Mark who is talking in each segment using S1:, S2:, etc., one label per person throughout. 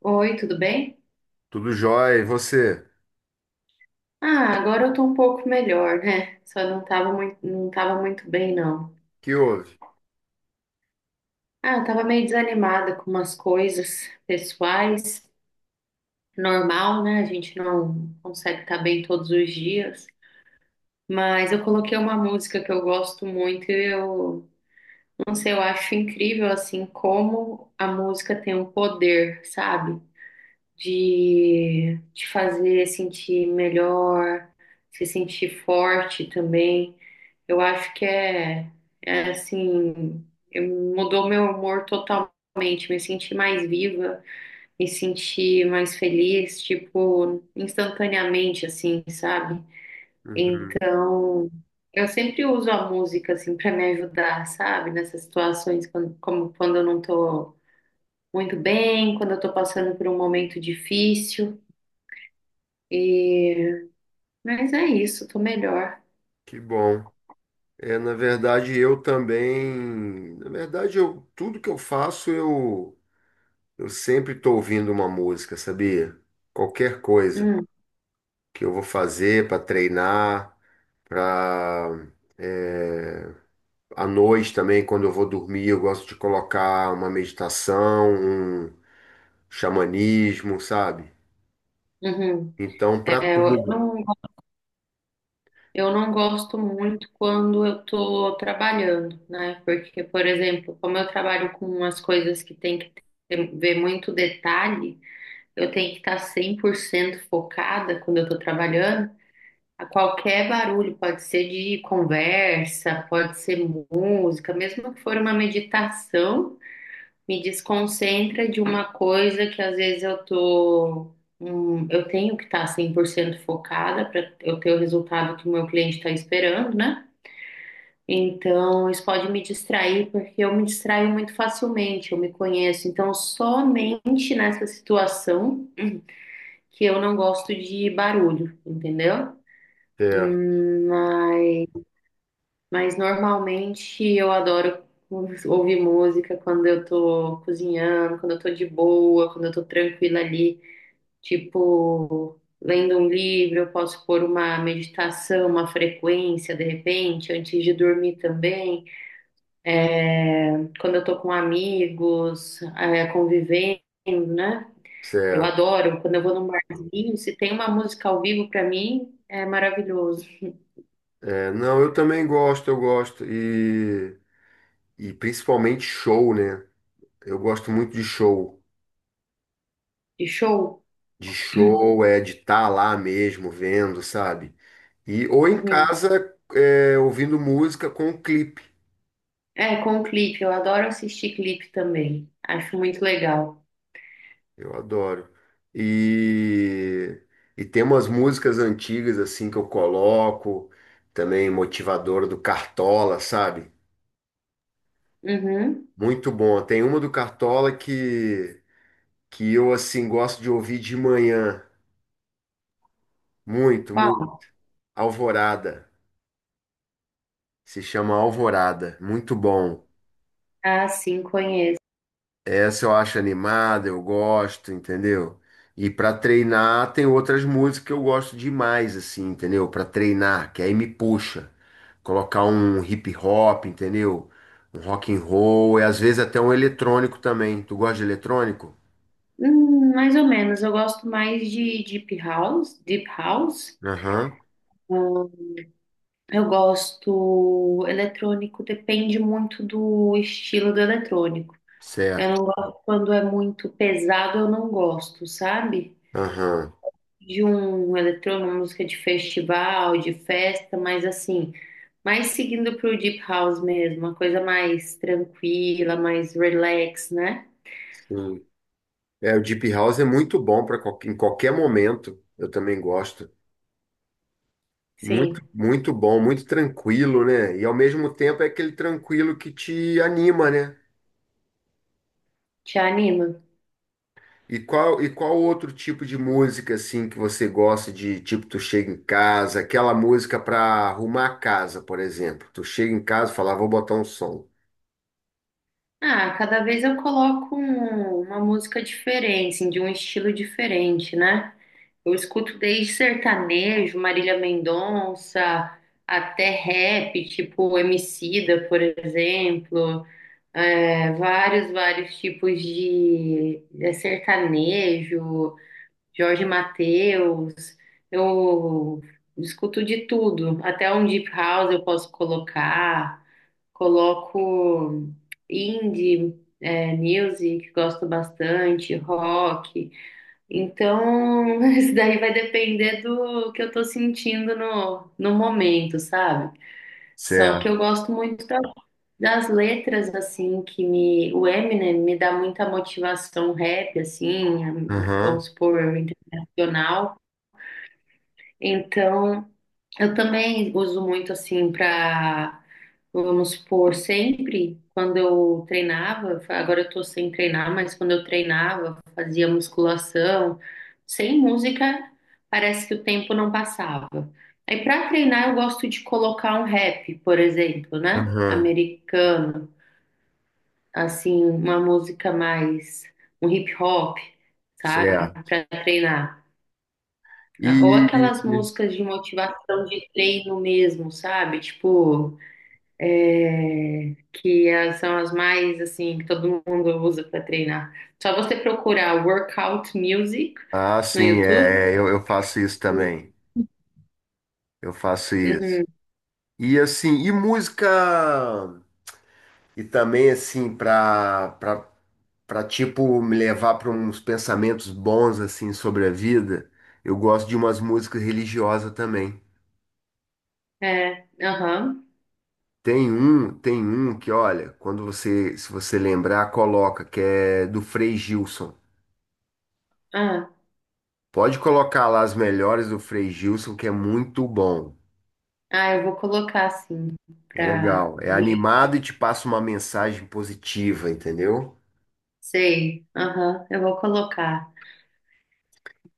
S1: Oi, tudo bem?
S2: Tudo jóia. E você?
S1: Ah, agora eu tô um pouco melhor, né? Só não tava muito bem, não.
S2: Que houve?
S1: Ah, eu tava meio desanimada com umas coisas pessoais, normal, né? A gente não consegue estar bem todos os dias. Mas eu coloquei uma música que eu gosto muito e eu, não sei, eu acho incrível, assim, como a música tem um poder, sabe? De te fazer sentir melhor, se sentir forte também. Eu acho que é assim, eu- mudou meu humor totalmente. Me senti mais viva, me senti mais feliz, tipo, instantaneamente, assim, sabe?
S2: Uhum.
S1: Então, eu sempre uso a música, assim, para me ajudar, sabe? Nessas situações, como quando eu não tô muito bem, quando eu tô passando por um momento difícil. E... Mas é isso, tô melhor.
S2: Que bom. É, na verdade, eu também. Na verdade, tudo que eu faço, eu sempre estou ouvindo uma música, sabia? Qualquer coisa
S1: Hum,
S2: que eu vou fazer para treinar, para. É, à noite também, quando eu vou dormir, eu gosto de colocar uma meditação, um xamanismo, sabe?
S1: uhum.
S2: Então, para
S1: É, eu
S2: tudo.
S1: não. Eu não gosto muito quando eu estou trabalhando, né? Porque, por exemplo, como eu trabalho com umas coisas que tem que ver muito detalhe, eu tenho que estar 100% focada quando eu estou trabalhando. A qualquer barulho, pode ser de conversa, pode ser música, mesmo que for uma meditação me desconcentra de uma coisa que às vezes eu tenho que estar 100% focada para eu ter o resultado que o meu cliente está esperando, né? Então, isso pode me distrair, porque eu me distraio muito facilmente, eu me conheço. Então, somente nessa situação que eu não gosto de barulho, entendeu?
S2: Certo,
S1: Hum, Mas Mas normalmente eu adoro ouvir música quando eu tô cozinhando, quando eu tô de boa, quando eu tô tranquila ali, tipo, lendo um livro, eu posso pôr uma meditação, uma frequência de repente, antes de dormir também. É, quando eu tô com amigos, é, convivendo, né? Eu
S2: certo.
S1: adoro. Quando eu vou num barzinho, se tem uma música ao vivo pra mim, é maravilhoso.
S2: É, não, eu também gosto. E principalmente show, né? Eu gosto muito de show.
S1: De show?
S2: De show, é de estar lá mesmo, vendo, sabe? E, ou em
S1: Uhum.
S2: casa, é, ouvindo música com o clipe.
S1: É, com clipe. Eu adoro assistir clipe também. Acho muito legal.
S2: Eu adoro. E, e tem umas músicas antigas, assim, que eu coloco. Também motivadora do Cartola, sabe?
S1: Uhum.
S2: Muito bom. Tem uma do Cartola que eu, assim, gosto de ouvir de manhã. Muito,
S1: Qual?
S2: muito. Alvorada. Se chama Alvorada. Muito bom.
S1: Ah, sim, conheço.
S2: Essa eu acho animada, eu gosto, entendeu? E para treinar tem outras músicas que eu gosto demais, assim, entendeu? Para treinar, que aí me puxa. Colocar um hip hop, entendeu? Um rock and roll e às vezes até um eletrônico também. Tu gosta de eletrônico?
S1: Mais ou menos. Eu gosto mais de Deep House. Deep House.
S2: Aham,
S1: Hum, Eu gosto eletrônico, depende muito do estilo do eletrônico. Eu
S2: certo.
S1: não gosto quando é muito pesado, eu não gosto, sabe?
S2: Aham,
S1: De um eletrônico, uma música de festival, de festa, mas assim. Mais seguindo pro Deep House mesmo, uma coisa mais tranquila, mais relax, né?
S2: sim. É, o Deep House é muito bom para em qualquer momento. Eu também gosto. Muito,
S1: Sim,
S2: muito bom, muito tranquilo, né? E ao mesmo tempo é aquele tranquilo que te anima, né?
S1: te anima.
S2: E qual outro tipo de música assim que você gosta de, tipo, tu chega em casa, aquela música para arrumar a casa, por exemplo. Tu chega em casa e fala, "Ah, vou botar um som."
S1: Ah, cada vez eu coloco uma música diferente, assim, de um estilo diferente, né? Eu escuto desde sertanejo, Marília Mendonça, até rap, tipo Emicida, por exemplo, vários, vários tipos de sertanejo. Jorge Mateus, eu escuto de tudo, até um deep house eu posso colocar, coloco indie, music, gosto bastante, rock. Então, isso daí vai depender do que eu tô sentindo no momento, sabe? Só que
S2: Certo.
S1: eu gosto muito das letras, assim, O Eminem me dá muita motivação rap, assim, vamos
S2: Aham.
S1: supor, internacional. Então, eu também uso muito assim para, vamos supor, sempre quando eu treinava, agora eu tô sem treinar, mas quando eu treinava, fazia musculação, sem música, parece que o tempo não passava. Aí para treinar eu gosto de colocar um rap, por exemplo, né?
S2: Aham.
S1: Americano, assim, uma música mais um hip hop, sabe?
S2: Certo.
S1: Para treinar. Ah, ou
S2: E
S1: aquelas músicas de motivação de treino mesmo, sabe? Tipo, que elas são as mais assim que todo mundo usa para treinar. Só você procurar workout music no
S2: sim,
S1: YouTube.
S2: é, eu faço isso também. Eu faço isso.
S1: Uhum.
S2: E assim, e música e também assim para pra tipo me levar pra uns pensamentos bons assim sobre a vida, eu gosto de umas músicas religiosas também.
S1: É, aham.
S2: Tem um que, olha, quando você, se você lembrar, coloca, que é do Frei Gilson.
S1: Ah,
S2: Pode colocar lá as melhores do Frei Gilson, que é muito bom.
S1: ah, eu vou colocar assim
S2: É
S1: pra
S2: legal, é
S1: ver.
S2: animado e te passa uma mensagem positiva, entendeu?
S1: Sei. Aham, eu vou colocar.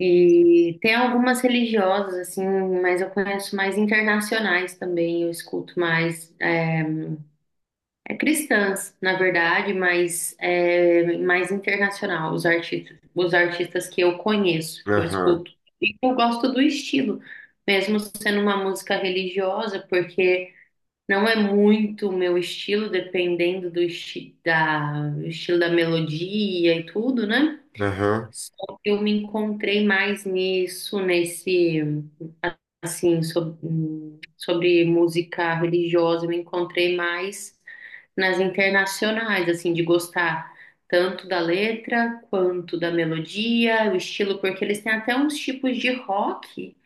S1: E tem algumas religiosas assim, mas eu conheço mais internacionais também, eu escuto mais. É cristãs, na verdade, mas é mais internacional, os artistas que eu conheço, que eu
S2: Aham,
S1: escuto. E eu gosto do estilo, mesmo sendo uma música religiosa, porque não é muito o meu estilo, dependendo do do estilo da melodia e tudo, né?
S2: aham,
S1: Só que eu me encontrei mais nisso, nesse assim, sobre, música religiosa, eu me encontrei mais nas internacionais, assim, de gostar tanto da letra quanto da melodia, o estilo, porque eles têm até uns tipos de rock,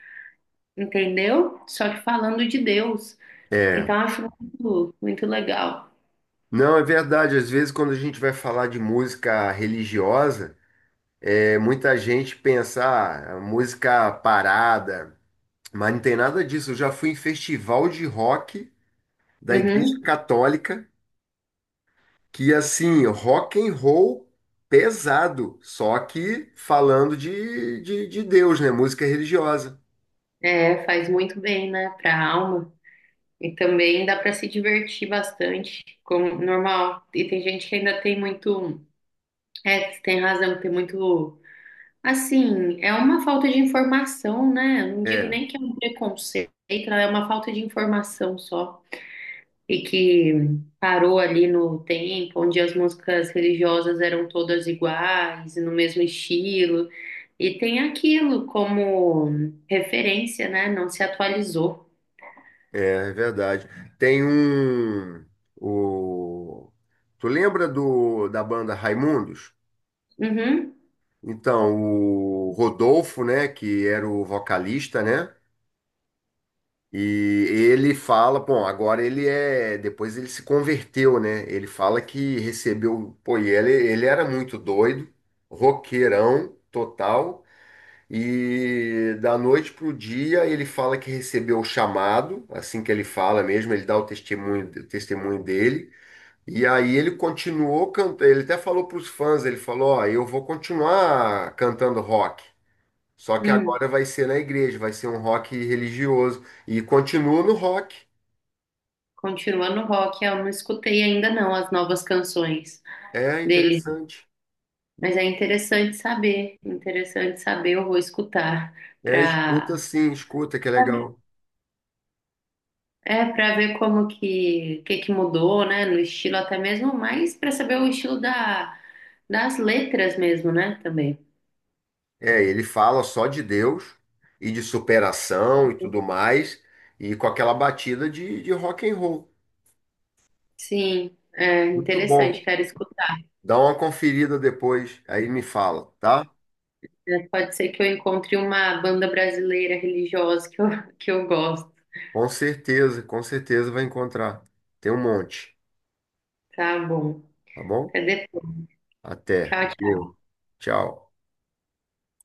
S1: entendeu? Só que falando de Deus.
S2: é.
S1: Então, eu acho muito, muito legal.
S2: Não, é verdade, às vezes quando a gente vai falar de música religiosa, é muita gente pensar ah, música parada, mas não tem nada disso. Eu já fui em festival de rock da Igreja
S1: Uhum.
S2: Católica, que assim, rock and roll pesado, só que falando de Deus, né? Música religiosa.
S1: É, faz muito bem, né, para a alma. E também dá para se divertir bastante, como normal. E tem gente que ainda tem muito, tem razão, tem muito. Assim, é uma falta de informação, né? Eu não digo
S2: É,
S1: nem que é um preconceito, é uma falta de informação só. E que parou ali no tempo, onde as músicas religiosas eram todas iguais, no mesmo estilo. E tem aquilo como referência, né? Não se atualizou.
S2: é é verdade. Tem um. O, tu lembra da banda Raimundos?
S1: Uhum.
S2: Então, o Rodolfo, né, que era o vocalista, né? E ele fala, bom, agora ele é, depois ele se converteu, né? Ele fala que recebeu, pô, ele era muito doido, roqueirão total, e da noite pro dia ele fala que recebeu o chamado, assim que ele fala mesmo, ele dá o testemunho dele, e aí ele continuou cantando, ele até falou pros fãs, ele falou, ó, eu vou continuar cantando rock. Só que
S1: Hum.
S2: agora vai ser na igreja, vai ser um rock religioso. E continua no rock.
S1: Continuando o rock, eu não escutei ainda não as novas canções
S2: É
S1: dele.
S2: interessante.
S1: Mas é interessante saber, eu vou escutar
S2: É, escuta
S1: para
S2: sim, escuta que é legal.
S1: para ver como que mudou, né, no estilo até mesmo, mas para saber o estilo da das letras mesmo, né, também.
S2: É, ele fala só de Deus e de superação e tudo mais, e com aquela batida de rock and roll.
S1: Sim, é
S2: Muito
S1: interessante,
S2: bom.
S1: quero escutar.
S2: Dá uma conferida depois, aí me fala, tá?
S1: É, pode ser que eu encontre uma banda brasileira religiosa que eu gosto.
S2: Com certeza vai encontrar. Tem um monte,
S1: Tá bom.
S2: tá bom?
S1: Até depois.
S2: Até.
S1: Tchau, tchau.
S2: Valeu. Tchau.